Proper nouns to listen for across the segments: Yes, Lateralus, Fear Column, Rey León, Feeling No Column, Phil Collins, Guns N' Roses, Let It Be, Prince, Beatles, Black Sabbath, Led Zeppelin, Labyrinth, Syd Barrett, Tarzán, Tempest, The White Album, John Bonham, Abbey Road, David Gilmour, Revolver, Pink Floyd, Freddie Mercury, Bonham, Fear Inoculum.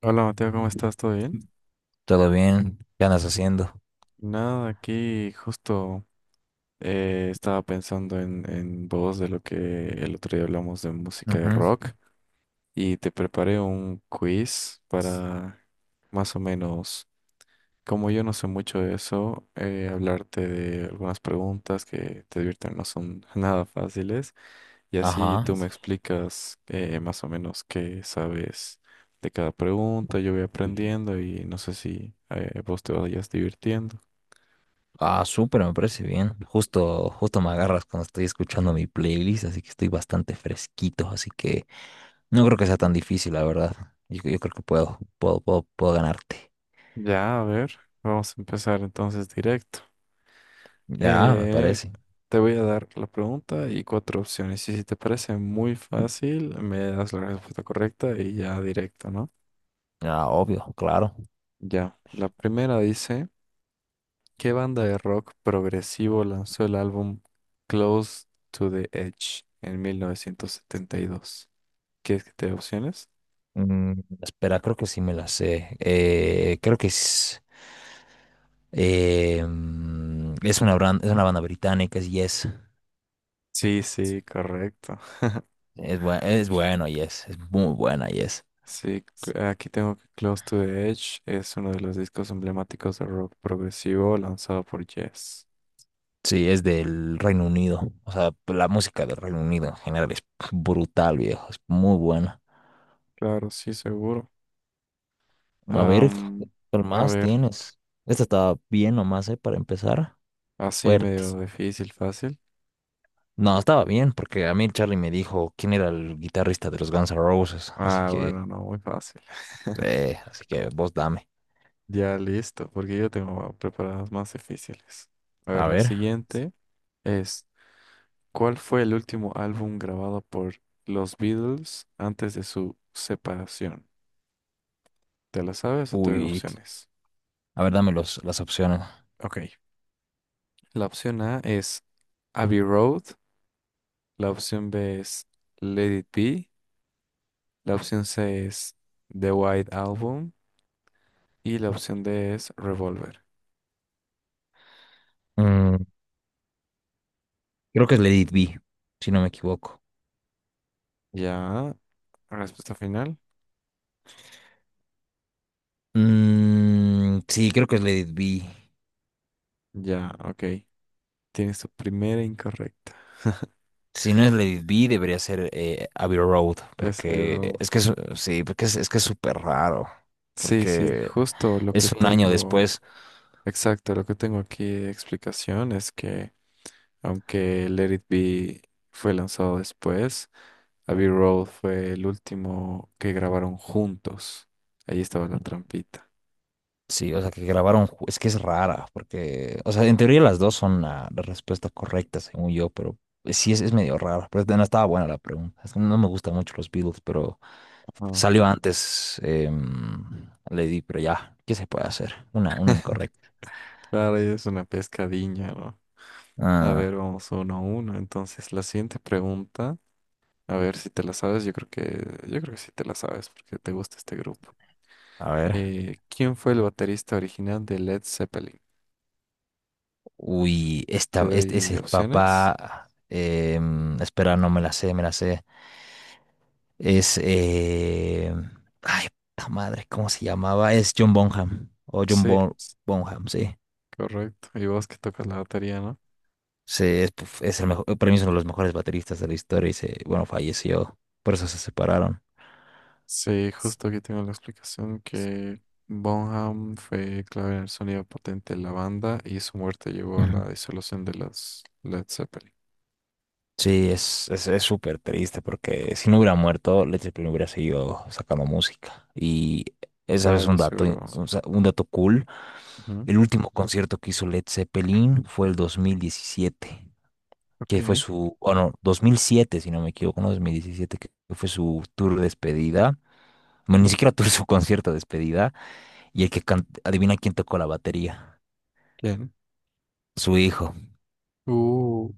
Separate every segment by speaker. Speaker 1: Hola Mateo, ¿cómo estás? ¿Todo bien?
Speaker 2: Todo bien, ¿qué andas haciendo?
Speaker 1: Nada, aquí justo estaba pensando en vos de lo que el otro día hablamos de música de
Speaker 2: Ujú.
Speaker 1: rock y te preparé un quiz para más o menos, como yo no sé mucho de eso, hablarte de algunas preguntas que te divierten, no son nada fáciles y así
Speaker 2: Ajá.
Speaker 1: tú me explicas más o menos qué sabes de cada pregunta, yo voy aprendiendo y no sé si vos te vayas divirtiendo.
Speaker 2: Ah, súper, me parece bien. Justo, justo me agarras cuando estoy escuchando mi playlist, así que estoy bastante fresquito, así que no creo que sea tan difícil, la verdad. Yo creo que puedo ganarte.
Speaker 1: Ya, a ver, vamos a empezar entonces directo.
Speaker 2: Ya, me
Speaker 1: Eh,
Speaker 2: parece.
Speaker 1: te voy a dar la pregunta y cuatro opciones. Y si te parece muy fácil, me das la respuesta correcta y ya directo, ¿no?
Speaker 2: Ah, obvio, claro.
Speaker 1: Ya, la primera dice, ¿qué banda de rock progresivo lanzó el álbum Close to the Edge en 1972? ¿Quieres que te dé opciones?
Speaker 2: Mm, espera, creo que sí me la sé. Creo que es, eh, mm, es una es una banda británica, es Yes.
Speaker 1: Sí, sí, correcto.
Speaker 2: Es, es bueno, Yes. Es muy buena, Yes.
Speaker 1: Sí, aquí tengo que Close to the Edge es uno de los discos emblemáticos de rock progresivo lanzado por Yes.
Speaker 2: Sí, es del Reino Unido. O sea, la música del Reino Unido en general es brutal, viejo. Es muy buena.
Speaker 1: Claro, sí, seguro.
Speaker 2: A ver,
Speaker 1: Am,
Speaker 2: ¿qué
Speaker 1: a
Speaker 2: más
Speaker 1: ver,
Speaker 2: tienes? Esta estaba bien nomás, ¿eh? Para empezar.
Speaker 1: así
Speaker 2: Fuerte.
Speaker 1: medio difícil, fácil.
Speaker 2: No, estaba bien, porque a mí Charlie me dijo quién era el guitarrista de los Guns N' Roses.
Speaker 1: Ah, bueno, no, muy fácil.
Speaker 2: Así que vos dame.
Speaker 1: Ya listo, porque yo tengo preparadas más difíciles. A
Speaker 2: A
Speaker 1: ver, la
Speaker 2: ver.
Speaker 1: siguiente es, ¿cuál fue el último álbum grabado por los Beatles antes de su separación? ¿Te la sabes o te doy
Speaker 2: Uy,
Speaker 1: opciones?
Speaker 2: a ver, dame las opciones.
Speaker 1: Ok. La opción A es Abbey Road, la opción B es Let It Be, la opción C es The White Album y la opción D es Revolver.
Speaker 2: Mm, creo que es Let It Be, si no me equivoco.
Speaker 1: Ya, respuesta final.
Speaker 2: Mm, sí, creo que es Let It Be.
Speaker 1: Ya, ok. Tienes tu primera incorrecta.
Speaker 2: Si no es Lady B, debería ser Abbey Road,
Speaker 1: Es Abbey
Speaker 2: porque
Speaker 1: Road.
Speaker 2: es que es, sí, porque es que es súper raro,
Speaker 1: Sí, sí,
Speaker 2: porque
Speaker 1: justo lo que
Speaker 2: es un año
Speaker 1: tengo,
Speaker 2: después,
Speaker 1: exacto, lo que tengo aquí de explicación es que aunque Let It Be fue lanzado después, Abbey Road fue el último que grabaron juntos. Ahí estaba la trampita.
Speaker 2: sí, o sea, que grabaron, es que es rara, porque, o sea, en teoría las dos son la respuesta correcta, según yo, pero sí es medio rara, pero no estaba buena la pregunta, es que no me gustan mucho los Beatles, pero
Speaker 1: Ajá.
Speaker 2: salió antes Lady, pero ya, ¿qué se puede hacer? Una incorrecta.
Speaker 1: Claro, y es una pescadilla, ¿no? A
Speaker 2: Ah,
Speaker 1: ver, vamos uno a uno. Entonces, la siguiente pregunta, a ver si te la sabes, yo creo que sí te la sabes porque te gusta este grupo.
Speaker 2: a ver.
Speaker 1: ¿Quién fue el baterista original de Led Zeppelin?
Speaker 2: Uy,
Speaker 1: ¿Te
Speaker 2: esta, este es
Speaker 1: doy
Speaker 2: el
Speaker 1: opciones?
Speaker 2: papá. Espera, no me la sé, me la sé. Es. eh, ay, Puta madre, ¿cómo se llamaba? Es John Bonham. O
Speaker 1: Sí,
Speaker 2: Bonham, sí.
Speaker 1: correcto. Y vos que tocas la batería, ¿no?
Speaker 2: Sí, es, puf, es el mejor, para mí es uno de los mejores bateristas de la historia y se, bueno, falleció. Por eso se separaron.
Speaker 1: Sí, justo aquí tengo la explicación que Bonham fue clave en el sonido potente de la banda y su muerte llevó a
Speaker 2: Ujú.
Speaker 1: la disolución de los Led Zeppelin.
Speaker 2: Sí, es súper triste porque si no hubiera muerto, Led Zeppelin hubiera seguido sacando música. Y esa es
Speaker 1: Claro,
Speaker 2: un
Speaker 1: y
Speaker 2: dato,
Speaker 1: seguro.
Speaker 2: o sea, un dato cool.
Speaker 1: Ujú,
Speaker 2: El último concierto que hizo Led Zeppelin fue el 2017,
Speaker 1: ok,
Speaker 2: que fue su, o no, 2007 si no me equivoco, no, 2017 que fue su tour de despedida. Bueno, ni siquiera tour, su concierto de despedida. Y el que adivina quién tocó la batería,
Speaker 1: bien.
Speaker 2: su hijo.
Speaker 1: Uh,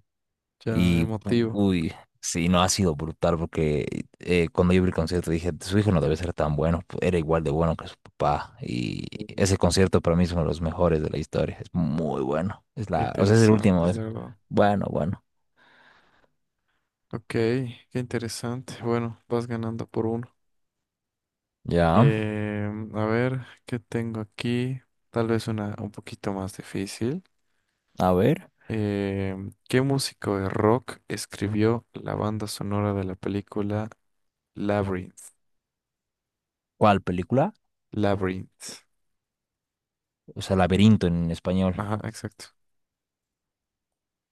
Speaker 1: ya
Speaker 2: Y,
Speaker 1: emotivo.
Speaker 2: uy, sí, no ha sido brutal porque cuando yo vi el concierto dije, su hijo no debe ser tan bueno, era igual de bueno que su papá. Y ese concierto para mí es uno de los mejores de la historia, es muy bueno. Es la, o sea, es el
Speaker 1: Interesante,
Speaker 2: último.
Speaker 1: la verdad.
Speaker 2: Bueno, bueno.
Speaker 1: Ok, qué interesante. Bueno, vas ganando por uno.
Speaker 2: Ya,
Speaker 1: A ver, ¿qué tengo aquí? Tal vez una un poquito más difícil.
Speaker 2: a ver,
Speaker 1: Eh, ¿Qué músico de rock escribió la banda sonora de la película Labyrinth?
Speaker 2: ¿cuál película?
Speaker 1: Labyrinth.
Speaker 2: O sea, Laberinto en español.
Speaker 1: Ajá, exacto.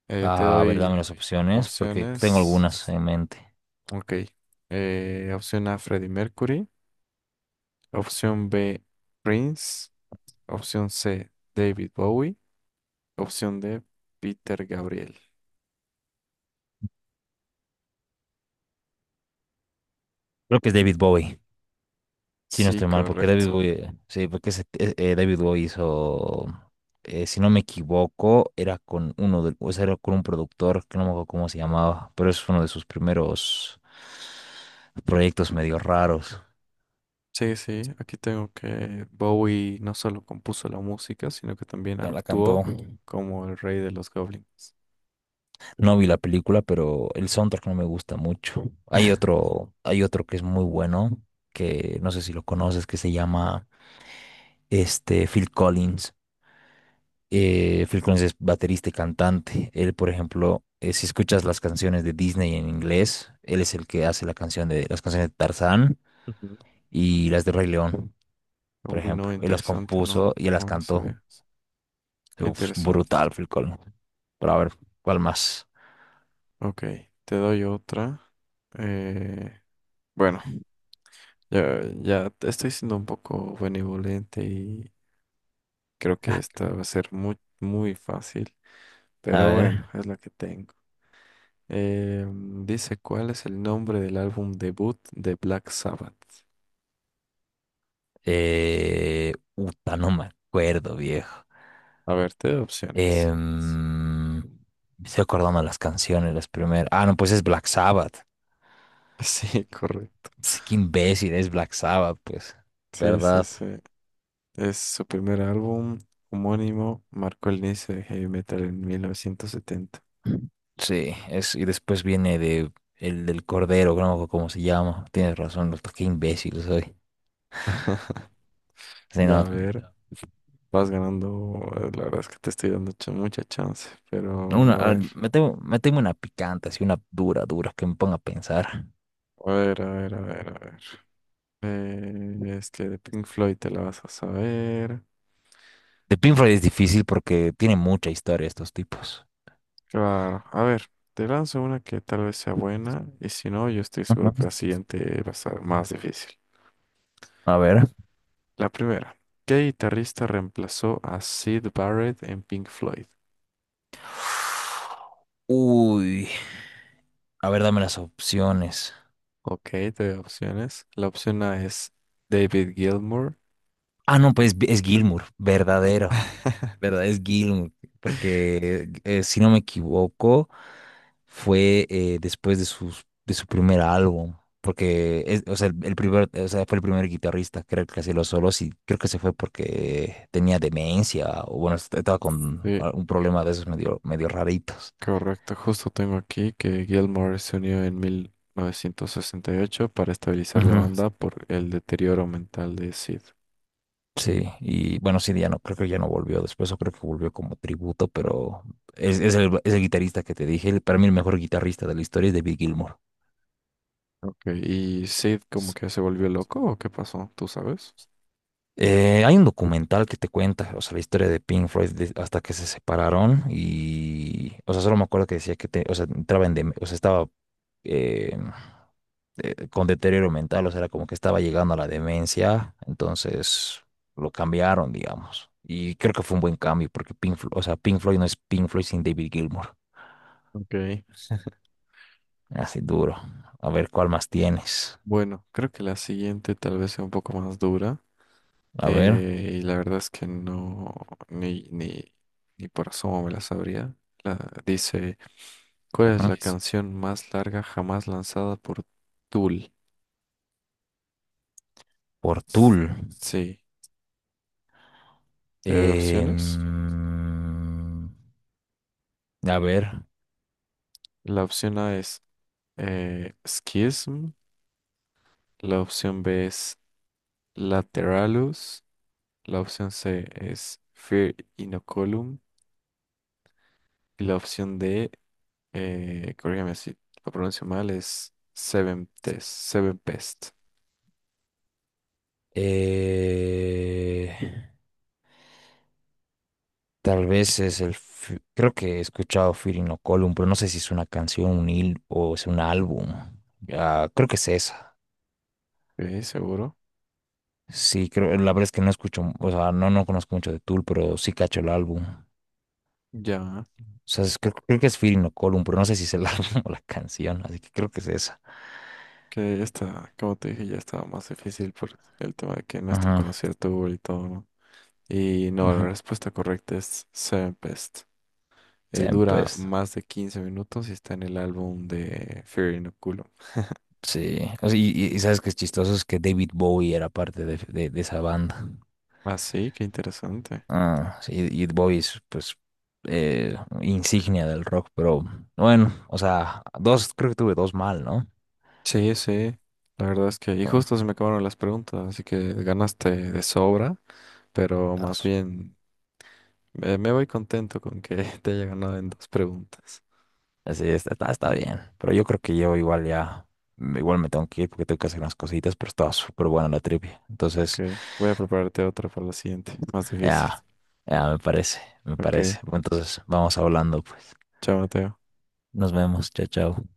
Speaker 1: Eh, te
Speaker 2: Ah, a ver,
Speaker 1: doy
Speaker 2: dame las opciones, porque tengo
Speaker 1: opciones.
Speaker 2: algunas en mente.
Speaker 1: Ok. Opción A, Freddie Mercury. Opción B, Prince. Opción C, David Bowie. Opción D, Peter Gabriel.
Speaker 2: Creo que es David Bowie, si no
Speaker 1: Sí,
Speaker 2: estoy mal, porque
Speaker 1: correcto.
Speaker 2: David Bowie, sí, porque David Bowie hizo, si no me equivoco, era con uno de, o sea, era con un productor, que no me acuerdo cómo se llamaba, pero es uno de sus primeros proyectos medio raros.
Speaker 1: Sí, sí, aquí tengo que Bowie no solo compuso la música, sino que también
Speaker 2: Ya la
Speaker 1: actuó
Speaker 2: cantó.
Speaker 1: como el rey de los goblins.
Speaker 2: No vi la película, pero el soundtrack no me gusta mucho. Hay otro que es muy bueno, que no sé si lo conoces, que se llama este Phil Collins. Phil Collins es baterista y cantante. Él, por ejemplo, si escuchas las canciones de Disney en inglés, él es el que hace la canción de las canciones de Tarzán
Speaker 1: Ujú.
Speaker 2: y las de Rey León, por
Speaker 1: Uy, no,
Speaker 2: ejemplo. Él las
Speaker 1: interesante,
Speaker 2: compuso
Speaker 1: no,
Speaker 2: y él las
Speaker 1: no lo
Speaker 2: cantó.
Speaker 1: sabía. Qué
Speaker 2: Uf,
Speaker 1: interesante.
Speaker 2: brutal, Phil Collins. Pero a ver, ¿cuál más?
Speaker 1: Ok, te doy otra. Eh, bueno, ya, ya te estoy siendo un poco benevolente y creo que esta va a ser muy, muy fácil,
Speaker 2: A
Speaker 1: pero bueno,
Speaker 2: ver.
Speaker 1: es la que tengo. Eh, dice, ¿cuál es el nombre del álbum debut de Black Sabbath?
Speaker 2: Uta, no me acuerdo, viejo.
Speaker 1: A ver, te doy opciones.
Speaker 2: Me estoy acordando de las canciones, las primeras. Ah, no, pues es Black Sabbath.
Speaker 1: Sí, correcto.
Speaker 2: Sí, qué imbécil, es Black Sabbath, pues.
Speaker 1: Sí, sí,
Speaker 2: ¿Verdad?
Speaker 1: sí. Es su primer álbum homónimo, marcó el inicio de heavy metal en 1970.
Speaker 2: Sí, es, y después viene de el del Cordero, creo, como se llama. Tienes razón, doctor, qué imbécil soy. Sí,
Speaker 1: Ya
Speaker 2: no,
Speaker 1: a ver, vas ganando, la verdad es que te estoy dando mucha chance,
Speaker 2: una,
Speaker 1: pero
Speaker 2: a
Speaker 1: a
Speaker 2: ver,
Speaker 1: ver,
Speaker 2: meteme una picante, así una dura, dura, que me ponga a pensar.
Speaker 1: a ver, a ver, a ver, a ver. Es que de Pink Floyd te la vas a saber.
Speaker 2: De Pink Floyd es difícil porque tiene mucha historia estos tipos.
Speaker 1: Claro, a ver, te lanzo una que tal vez sea buena y si no, yo estoy seguro que la
Speaker 2: Ujú.
Speaker 1: siguiente va a ser más difícil.
Speaker 2: A ver.
Speaker 1: La primera, ¿qué guitarrista reemplazó a Sid Barrett en Pink Floyd?
Speaker 2: Uy, a ver, dame las opciones.
Speaker 1: Ok, te doy opciones. La opción A es David Gilmour.
Speaker 2: Ah, no, pues es Gilmour, verdadero, verdad, es Gilmour, porque si no me equivoco, fue después de sus, de su primer álbum, porque es, o sea, el primer, o sea, fue el primer guitarrista, creo que hacía los solos y creo que se fue porque tenía demencia o bueno, estaba con
Speaker 1: Sí,
Speaker 2: un problema de esos medio, medio raritos.
Speaker 1: correcto. Justo tengo aquí que Gilmore se unió en 1968 para estabilizar la
Speaker 2: Ujú.
Speaker 1: banda por el deterioro mental de Sid.
Speaker 2: Sí, y bueno, sí, ya no, creo que ya no volvió después, o creo que volvió como tributo, pero es el guitarrista que te dije, para mí el mejor guitarrista de la historia es David Gilmour.
Speaker 1: Ok, ¿y Sid como
Speaker 2: S-
Speaker 1: que se volvió loco o qué pasó? ¿Tú sabes?
Speaker 2: Hay un documental que te cuenta, o sea, la historia de Pink Floyd hasta que se separaron y, o sea, solo me acuerdo que decía que, o sea, entraba en, o sea, estaba, eh, con deterioro mental, o sea, era como que estaba llegando a la demencia, entonces lo cambiaron, digamos. Y creo que fue un buen cambio, porque Pink Floyd, o sea, Pink Floyd no es Pink Floyd sin David Gilmour.
Speaker 1: Ok,
Speaker 2: Así duro. A ver, ¿cuál más tienes?
Speaker 1: bueno, creo que la siguiente tal vez sea un poco más dura
Speaker 2: A ver,
Speaker 1: y la verdad es que no, ni, ni, ni por asomo me la sabría. La, dice... ¿Cuál es la
Speaker 2: ajá.
Speaker 1: canción más larga jamás lanzada por Tool?
Speaker 2: Por Tool.
Speaker 1: Sí, ¿te doy
Speaker 2: Em,
Speaker 1: opciones?
Speaker 2: a ver,
Speaker 1: La opción A es Schism, la opción B es Lateralus, la opción C es Fear Inoculum y la opción D, corrígame si lo pronuncio mal, es Seven Test, Seven Pest.
Speaker 2: eh, tal vez es el... Creo que he escuchado Fear Column, pero no sé si es una canción, un hil o es un álbum. Ah, creo que es esa.
Speaker 1: Ok, seguro.
Speaker 2: Sí, creo, la verdad es que no escucho, o sea, no, no conozco mucho de Tool, pero sí cacho el álbum.
Speaker 1: Ya,
Speaker 2: O sea, creo, creo que es Feeling No Column, pero no sé si es el álbum o la canción, así que creo que es esa.
Speaker 1: que esta, como te dije, ya estaba más difícil por el tema de que no es tan
Speaker 2: Ajá,
Speaker 1: conocida Tool y todo, ¿no? Y no, la
Speaker 2: ajá.
Speaker 1: respuesta correcta es Tempest. Dura
Speaker 2: Tempest,
Speaker 1: más de 15 minutos y está en el álbum de Fear Inoculum.
Speaker 2: sí. O sea, y sabes que es chistoso, es que David Bowie era parte de, de esa banda.
Speaker 1: Ah, sí, qué interesante.
Speaker 2: Ah, sí, y Bowie es, pues, eh, insignia del rock, pero bueno, o sea, dos, creo que tuve dos mal, ¿no?
Speaker 1: Sí, sí. La verdad es que, y justo se me acabaron las preguntas, así que ganaste de sobra, pero más
Speaker 2: Dos.
Speaker 1: bien me voy contento con que te haya ganado en dos preguntas.
Speaker 2: Así está, está, está bien. Pero yo creo que yo igual ya, mm, igual me tengo que ir porque tengo que hacer unas cositas, pero estaba súper buena la trivia. Entonces,
Speaker 1: Ok, voy a prepararte otra para la siguiente, más difícil.
Speaker 2: ya, ya me parece, me
Speaker 1: Ok,
Speaker 2: parece. Bueno, entonces, vamos hablando, pues.
Speaker 1: chao, Mateo.
Speaker 2: Nos vemos, chao, chao.